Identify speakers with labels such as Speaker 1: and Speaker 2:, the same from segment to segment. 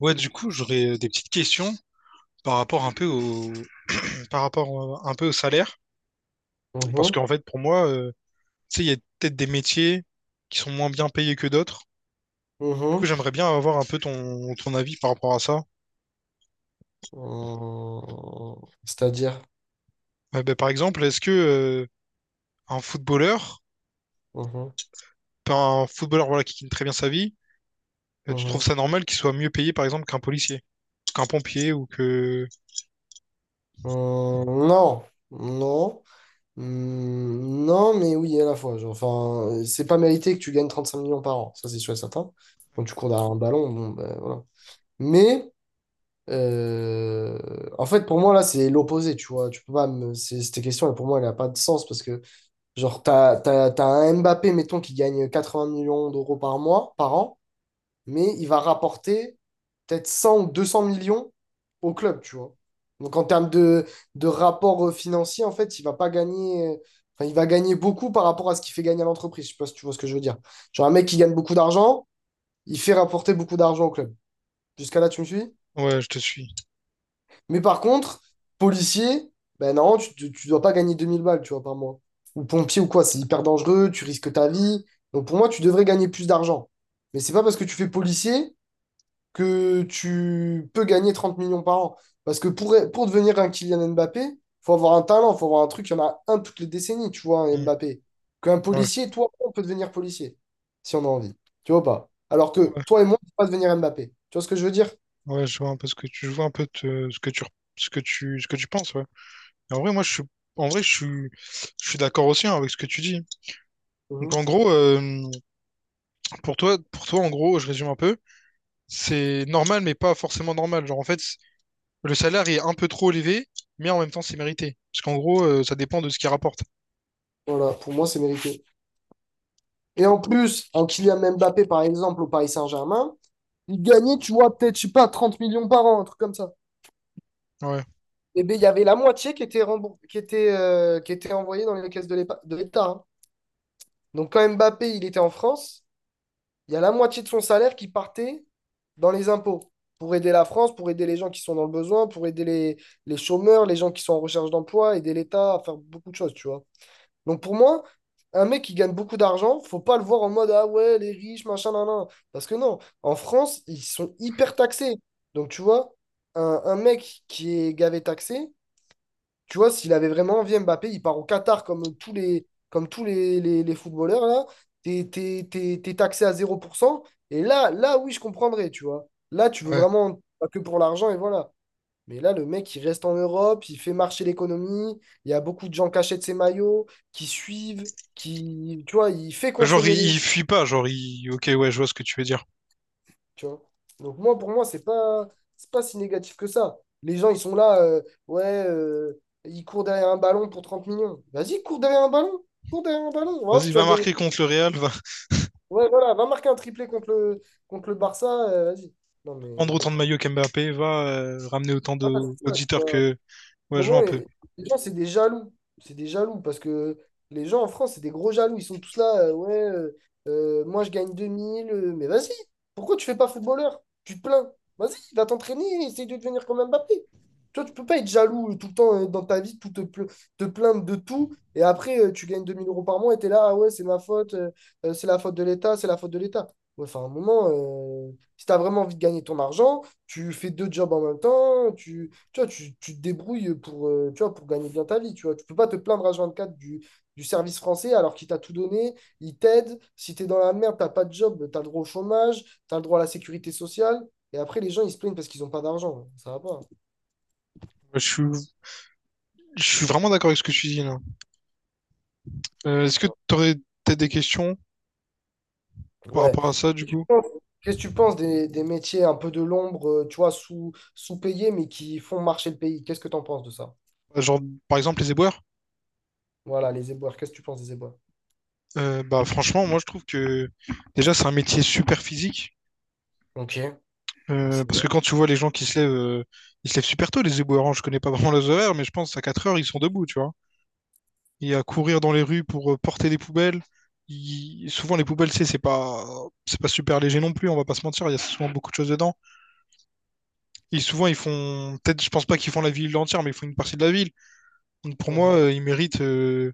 Speaker 1: Ouais, du coup, j'aurais des petites questions par rapport par rapport un peu au salaire. Parce
Speaker 2: Mhm,
Speaker 1: qu'en fait, pour moi, tu sais, il y a peut-être des métiers qui sont moins bien payés que d'autres. Du coup,
Speaker 2: mhm.
Speaker 1: j'aimerais bien avoir un peu ton avis par rapport à ça.
Speaker 2: Euh, C'est-à-dire,
Speaker 1: Par exemple, est-ce que un footballeur,
Speaker 2: Mhm,
Speaker 1: enfin, un footballeur voilà, qui gagne très bien sa vie, tu trouves
Speaker 2: mhm.
Speaker 1: ça normal qu'il soit mieux payé, par exemple, qu'un policier, qu'un pompier ou que...
Speaker 2: Non, non, Hmm, non, mais oui, à la fois. Genre, enfin, c'est pas mérité que tu gagnes 35 millions par an, ça c'est sûr et certain. Quand tu cours derrière un ballon, bon, ben voilà. Mais, euh, en fait, pour moi, là, c'est l'opposé, tu vois. Tu peux pas me... Cette question, pour moi, elle a pas de sens parce que, genre, t'as un Mbappé, mettons, qui gagne 80 millions d'euros par mois, par an. Mais il va rapporter peut-être 100 ou 200 millions au club, tu vois. Donc en termes de, rapport financier, en fait, il va pas gagner. Enfin, il va gagner beaucoup par rapport à ce qu'il fait gagner à l'entreprise. Je sais pas si tu vois ce que je veux dire. Genre un mec qui gagne beaucoup d'argent, il fait rapporter beaucoup d'argent au club. Jusqu'à là, tu me suis?
Speaker 1: Ouais, je te suis.
Speaker 2: Mais par contre, policier, ben non, dois pas gagner 2000 balles, tu vois, par mois. Ou pompier ou quoi, c'est hyper dangereux, tu risques ta vie. Donc pour moi, tu devrais gagner plus d'argent. Mais c'est pas parce que tu fais policier que tu peux gagner 30 millions par an. Parce que pour devenir un Kylian Mbappé, il faut avoir un talent, il faut avoir un truc. Il y en a un toutes les décennies, tu vois, un
Speaker 1: Hmm.
Speaker 2: Mbappé. Qu'un
Speaker 1: Ouais,
Speaker 2: policier, toi, on peut devenir policier, si on a envie. Tu vois ou pas? Alors que
Speaker 1: ouais,
Speaker 2: toi et moi, on ne peut pas devenir Mbappé. Tu vois ce que je veux dire?
Speaker 1: ouais, je vois un peu ce que tu, je vois un peu ce que tu, ce que tu penses, ouais. Et en vrai, en vrai, je suis, je suis d'accord aussi hein, avec ce que tu dis. Donc,
Speaker 2: Mhm.
Speaker 1: en gros, pour toi, en gros, je résume un peu, c'est normal, mais pas forcément normal. Genre, en fait, le salaire est un peu trop élevé, mais en même temps, c'est mérité. Parce qu'en gros, ça dépend de ce qu'il rapporte.
Speaker 2: Voilà, pour moi, c'est mérité. Et en plus, un Kylian Mbappé, par exemple, au Paris Saint-Germain, il gagnait, tu vois, peut-être, je sais pas, 30 millions par an, un truc comme ça.
Speaker 1: Ouais,
Speaker 2: Et bien, il y avait la moitié qui était remboursée, qui était envoyée dans les caisses de de l'État. Hein. Donc quand Mbappé, il était en France, il y a la moitié de son salaire qui partait dans les impôts pour aider la France, pour aider les gens qui sont dans le besoin, pour aider les chômeurs, les gens qui sont en recherche d'emploi, aider l'État à faire beaucoup de choses, tu vois. Donc pour moi, un mec qui gagne beaucoup d'argent, faut pas le voir en mode ah ouais, les riches, machin, nan, nan. Parce que non, en France, ils sont hyper taxés. Donc tu vois, un mec qui est gavé taxé, tu vois, s'il avait vraiment envie, Mbappé, il part au Qatar comme tous les footballeurs, là. T'es taxé à 0%. Et là, là, oui, je comprendrais, tu vois. Là, tu veux
Speaker 1: ouais.
Speaker 2: vraiment pas que pour l'argent, et voilà. Mais là, le mec, il reste en Europe, il fait marcher l'économie. Il y a beaucoup de gens qui achètent ses maillots, qui suivent, qui, tu vois, il fait
Speaker 1: Bah, genre,
Speaker 2: consommer les gens.
Speaker 1: il fuit pas. Genre, il... Ok, ouais, je vois ce que tu veux dire.
Speaker 2: Tu vois? Donc moi, pour moi, c'est pas si négatif que ça. Les gens, ils sont là, ouais, ils courent derrière un ballon pour 30 millions. Vas-y, cours derrière un ballon. Cours derrière un ballon. On va voir si
Speaker 1: Vas-y,
Speaker 2: tu
Speaker 1: va
Speaker 2: vas gagner.
Speaker 1: marquer contre le Real, va
Speaker 2: Ouais, voilà, va marquer un triplé contre le Barça. Vas-y. Non,
Speaker 1: prendre
Speaker 2: mais...
Speaker 1: autant de maillots qu'Mbappé, va ramener autant
Speaker 2: voilà, c'est ça, tu
Speaker 1: d'auditeurs
Speaker 2: vois.
Speaker 1: que... Ouais, je vois
Speaker 2: moment,
Speaker 1: un peu. Ouais,
Speaker 2: et- les gens, c'est des jaloux. C'est des jaloux parce que les gens en France, c'est des gros jaloux. Ils sont tous là, ouais, moi je gagne 2000, mais vas-y, pourquoi tu fais pas footballeur? Tu te plains. Vas-y, va t'entraîner, essaye de devenir comme Mbappé. Toi, tu peux pas être jaloux tout le temps dans ta vie, te plaindre de tout, et après, tu gagnes 2000 euros par mois et t'es là, ah ouais, c'est ma faute, c'est la faute de l'État, c'est la faute de l'État. Ouais, enfin, à un moment, si t'as vraiment envie de gagner ton argent, tu fais deux jobs en même temps, tu vois, tu te débrouilles pour, tu vois, pour gagner bien ta vie. Tu vois, tu peux pas te plaindre à 24 du service français alors qu'il t'a tout donné, il t'aide. Si tu es dans la merde, t'as pas de job, tu as le droit au chômage, tu as le droit à la sécurité sociale. Et après, les gens, ils se plaignent parce qu'ils n'ont pas d'argent. Ça va pas.
Speaker 1: Je suis, je suis vraiment d'accord avec ce que tu dis, là. Est-ce que t'aurais peut-être des questions par
Speaker 2: Ouais.
Speaker 1: rapport à ça, du coup.
Speaker 2: Qu'est-ce que tu penses des métiers un peu de l'ombre, tu vois, sous-payés, mais qui font marcher le pays? Qu'est-ce que tu en penses de ça?
Speaker 1: Bah, genre, par exemple, les éboueurs.
Speaker 2: Voilà, les éboueurs. Qu'est-ce que tu penses des éboueurs?
Speaker 1: Franchement, moi, je trouve que déjà, c'est un métier super physique.
Speaker 2: Ok, c'est
Speaker 1: Parce
Speaker 2: bien.
Speaker 1: que quand tu vois les gens qui se lèvent, ils se lèvent super tôt, les éboueurs, hein. Je connais pas vraiment leurs horaires, mais je pense à 4 heures, ils sont debout, tu vois. Et à courir dans les rues pour porter des poubelles. Souvent, les poubelles, c'est pas super léger non plus, on va pas se mentir. Il y a souvent beaucoup de choses dedans. Et souvent, ils font. Peut-être, je pense pas qu'ils font la ville entière, mais ils font une partie de la ville. Donc, pour moi,
Speaker 2: Mhm,
Speaker 1: ils méritent, euh,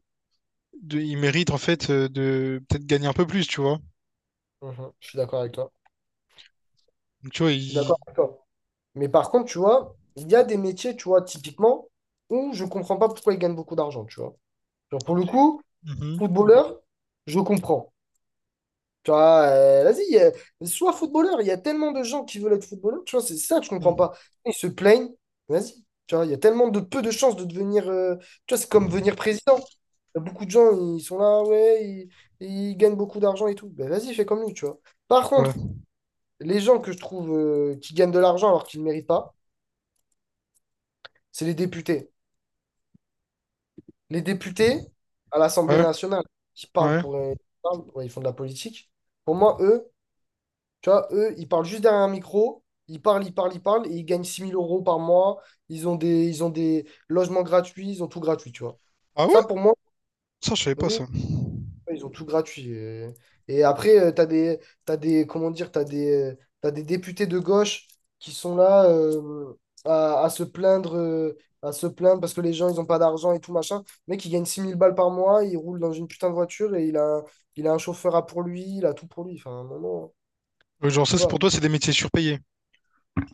Speaker 1: de... ils méritent, en fait, de peut-être gagner un peu plus, tu vois.
Speaker 2: mhm. Je suis d'accord avec toi.
Speaker 1: Donc, tu vois,
Speaker 2: Je suis d'accord avec toi. Mais par contre, tu vois, il y a des métiers, tu vois, typiquement, où je comprends pas pourquoi ils gagnent beaucoup d'argent, tu vois. Genre, pour le
Speaker 1: il-
Speaker 2: coup,
Speaker 1: mhm,
Speaker 2: footballeur, je comprends. Tu vois, vas-y, sois footballeur. Il y a tellement de gens qui veulent être footballeur, tu vois, c'est ça que je comprends
Speaker 1: mhm.
Speaker 2: pas. Ils se plaignent, vas-y. Tu vois, il y a tellement de peu de chances de devenir. Tu vois, c'est comme venir président. Il y a beaucoup de gens, ils sont là, ouais, ils gagnent beaucoup d'argent et tout. Ben, vas-y, fais comme lui, tu vois. Par
Speaker 1: Ouais,
Speaker 2: contre, les gens que je trouve qui gagnent de l'argent alors qu'ils ne méritent pas, c'est les députés. Les députés à l'Assemblée
Speaker 1: ouais,
Speaker 2: nationale qui parlent
Speaker 1: ouais.
Speaker 2: ouais, ils font de la politique. Pour moi, eux, tu vois, eux, ils parlent juste derrière un micro, ils parlent, ils parlent, ils parlent, et ils gagnent 6000 euros par mois, ils ont des logements gratuits, ils ont tout gratuit, tu vois.
Speaker 1: Ah ouais?
Speaker 2: Ça, pour moi,
Speaker 1: Ça, je savais pas
Speaker 2: oui,
Speaker 1: ça.
Speaker 2: ouais, ils ont tout gratuit. Et après, tu as des, t'as des, comment dire, t'as des députés de gauche qui sont là à se plaindre, parce que les gens, ils n'ont pas d'argent et tout machin. Le mec, il gagne 6000 balles par mois, il roule dans une putain de voiture et il a un chauffeur à pour lui, il a tout pour lui. Enfin, non, non, tu
Speaker 1: Genre,
Speaker 2: peux
Speaker 1: ça, c'est
Speaker 2: pas.
Speaker 1: pour toi, c'est des métiers surpayés.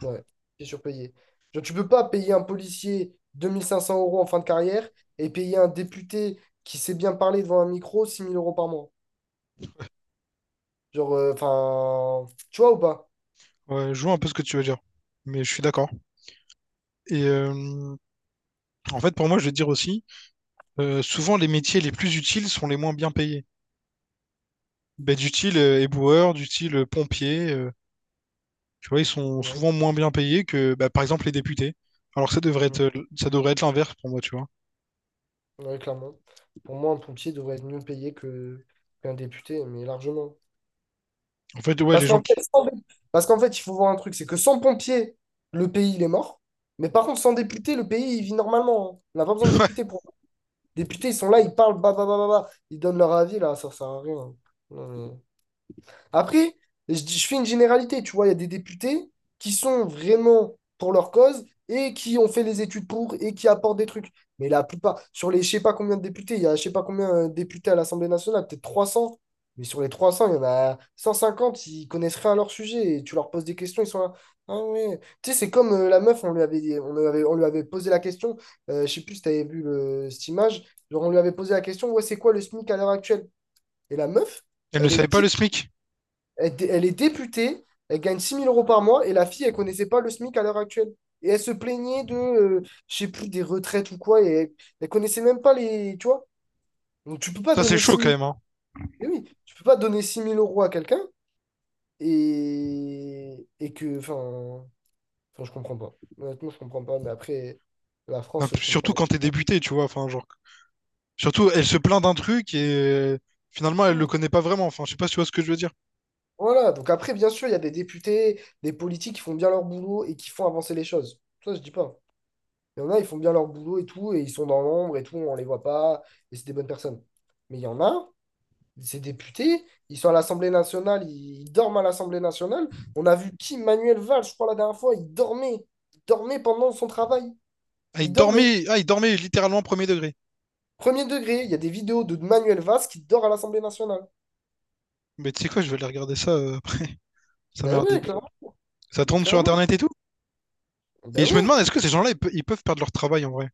Speaker 2: Ouais, c'est surpayé. Genre, tu peux pas payer un policier 2500 euros en fin de carrière et payer un député qui sait bien parler devant un micro 6000 euros par mois. Genre, enfin, tu vois ou pas?
Speaker 1: Ouais, je vois un peu ce que tu veux dire. Mais je suis d'accord. Et en fait, pour moi, je vais te dire aussi, souvent, les métiers les plus utiles sont les moins bien payés. Bah, du style éboueur, du style pompier, tu vois, ils sont
Speaker 2: Ouais,
Speaker 1: souvent moins bien payés que, bah, par exemple, les députés. Alors que
Speaker 2: mm,
Speaker 1: ça devrait être l'inverse pour moi, tu vois.
Speaker 2: ouais, clairement. Pour moi, un pompier devrait être mieux payé que qu'un député, mais largement.
Speaker 1: En fait, ouais, les
Speaker 2: Parce qu'en
Speaker 1: gens qui...
Speaker 2: fait, il faut voir un truc, c'est que sans pompier, le pays, il est mort. Mais par contre, sans député, le pays, il vit normalement. Hein. On n'a pas besoin de députés pour... Députés, ils sont là, ils parlent, bah, bah, bah, bah, bah. Ils donnent leur avis, là, ça sert à rien. Non, mais- après, je fais une généralité, tu vois, il y a des députés qui sont vraiment pour leur cause et qui ont fait les études pour et qui apportent des trucs. Mais la plupart, sur les je sais pas combien de députés, il y a je sais pas combien de députés à l'Assemblée nationale, peut-être 300, mais sur les 300 il y en a 150, ils connaissent rien à leur sujet et tu leur poses des questions, ils sont là. Ah ouais. Tu sais, c'est comme la meuf, on lui avait posé la question, je sais plus si tu avais vu cette image, genre on lui avait posé la question, ouais, c'est quoi le SMIC à l'heure actuelle? Et la meuf,
Speaker 1: Elles ne
Speaker 2: elle est
Speaker 1: savaient pas le
Speaker 2: 10
Speaker 1: SMIC.
Speaker 2: elle est députée, elle gagne 6000 euros par mois et la fille, elle connaissait pas le SMIC à l'heure actuelle. Et elle se plaignait de, je sais plus, des retraites ou quoi, et elle connaissait même pas les, tu vois. Donc tu peux pas
Speaker 1: Ça, c'est
Speaker 2: donner
Speaker 1: chaud
Speaker 2: six
Speaker 1: quand
Speaker 2: mille,
Speaker 1: même, hein.
Speaker 2: eh oui, tu peux pas donner 6000 euros à quelqu'un et que, enfin, je comprends pas. Honnêtement, je comprends pas, mais après, la
Speaker 1: Non,
Speaker 2: France, je
Speaker 1: surtout
Speaker 2: comprendrai.
Speaker 1: quand t'es débuté, tu vois. Enfin, genre, surtout, elle se plaint d'un truc et finalement, elle le
Speaker 2: Hmm.
Speaker 1: connaît pas vraiment. Enfin, je sais pas si tu vois ce que je veux dire.
Speaker 2: Voilà, donc après, bien sûr, il y a des députés, des politiques qui font bien leur boulot et qui font avancer les choses. Ça, je dis pas. Il y en a, ils font bien leur boulot et tout, et ils sont dans l'ombre et tout, on les voit pas, et c'est des bonnes personnes. Mais il y en a, ces députés, ils sont à l'Assemblée nationale, ils dorment à l'Assemblée nationale. On a vu qui, Manuel Valls, je crois, la dernière fois, il dormait. Il dormait pendant son travail. Il dormait.
Speaker 1: Ah, il dormait littéralement premier degré.
Speaker 2: Premier degré, il y a des vidéos de Manuel Valls qui dort à l'Assemblée nationale.
Speaker 1: Mais tu sais quoi, je vais aller regarder ça après. Ça m'a
Speaker 2: Ben
Speaker 1: l'air d'être
Speaker 2: ouais,
Speaker 1: drôle.
Speaker 2: clairement.
Speaker 1: Ça
Speaker 2: Mais
Speaker 1: tourne sur
Speaker 2: clairement.
Speaker 1: Internet et tout? Et
Speaker 2: Ben
Speaker 1: je me
Speaker 2: ouais.
Speaker 1: demande, est-ce que ces gens-là, ils peuvent perdre leur travail en vrai?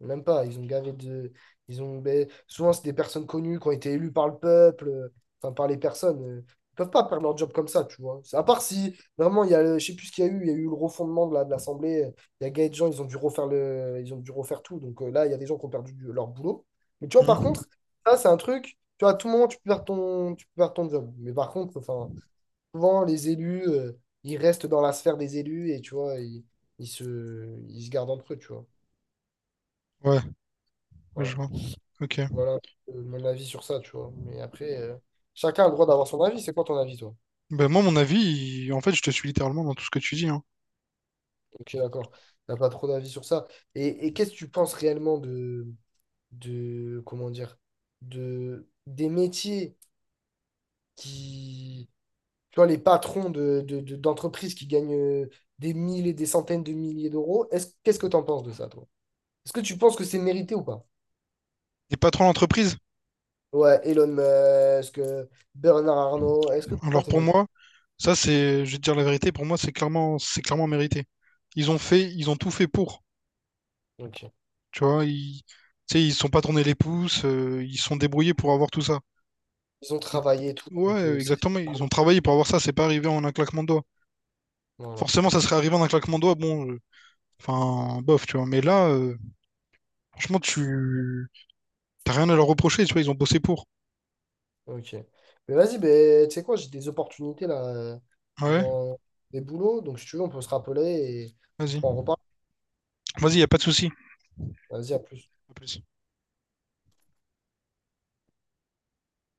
Speaker 2: Même pas, ils ont gavé de. Ils ont... ben, souvent, c'est des personnes connues qui ont été élues par le peuple, enfin par les personnes. Ils peuvent pas perdre leur job comme ça, tu vois. À part si vraiment, il y a le... je sais plus ce qu'il y a eu, il y a eu le refondement de de l'Assemblée. Il y a gagné de gens, ils ont dû refaire le... ils ont dû refaire tout. Donc là, il y a des gens qui ont perdu leur boulot. Mais tu vois, par
Speaker 1: Hmm.
Speaker 2: contre, ça, c'est un truc. Tu vois, à tout moment, tu peux perdre ton job. Mais par contre, enfin, souvent, les élus, ils restent dans la sphère des élus et tu vois, ils se... ils se gardent entre eux, tu vois.
Speaker 1: Ouais, ouais,
Speaker 2: Voilà.
Speaker 1: je vois. Ok.
Speaker 2: Voilà mon avis sur ça, tu vois. Mais après, chacun a le droit d'avoir son avis. C'est quoi ton avis, toi?
Speaker 1: Ben moi, mon avis, en fait, je te suis littéralement dans tout ce que tu dis, hein.
Speaker 2: Ok, d'accord. T'as pas trop d'avis sur ça. Et qu'est-ce que tu penses réellement de, comment dire, des métiers qui, tu vois, les patrons d'entreprises qui gagnent des mille et des centaines de milliers d'euros. Qu'est-ce que t'en penses de ça, toi? Est-ce que tu penses que c'est mérité ou pas?
Speaker 1: T'es patron d'entreprise?
Speaker 2: Ouais, Elon Musk, Bernard Arnault, est-ce que toi,
Speaker 1: Alors
Speaker 2: c'est
Speaker 1: pour
Speaker 2: mérité?
Speaker 1: moi, je vais te dire la vérité, pour moi c'est clairement mérité. Ils ont tout fait pour,
Speaker 2: Ok.
Speaker 1: tu sais, ils se sont pas tournés les pouces, ils se sont débrouillés pour avoir tout ça.
Speaker 2: Ils ont
Speaker 1: Donc,
Speaker 2: travaillé et tout, donc
Speaker 1: ouais, exactement, ils ont travaillé pour avoir ça, c'est pas arrivé en un claquement de doigts.
Speaker 2: voilà.
Speaker 1: Forcément, ça serait arrivé en un claquement de doigts, bon, enfin, bof, tu vois, mais là, franchement, t'as rien à leur reprocher, tu vois, ils ont bossé pour.
Speaker 2: Ok. Mais vas-y, ben, tu sais quoi, j'ai des opportunités là
Speaker 1: Ouais,
Speaker 2: dans des boulots. Donc, si tu veux, on peut se rappeler et on
Speaker 1: vas-y,
Speaker 2: pourra en reparler.
Speaker 1: vas-y, y a pas de souci.
Speaker 2: Vas-y, à plus.
Speaker 1: À plus.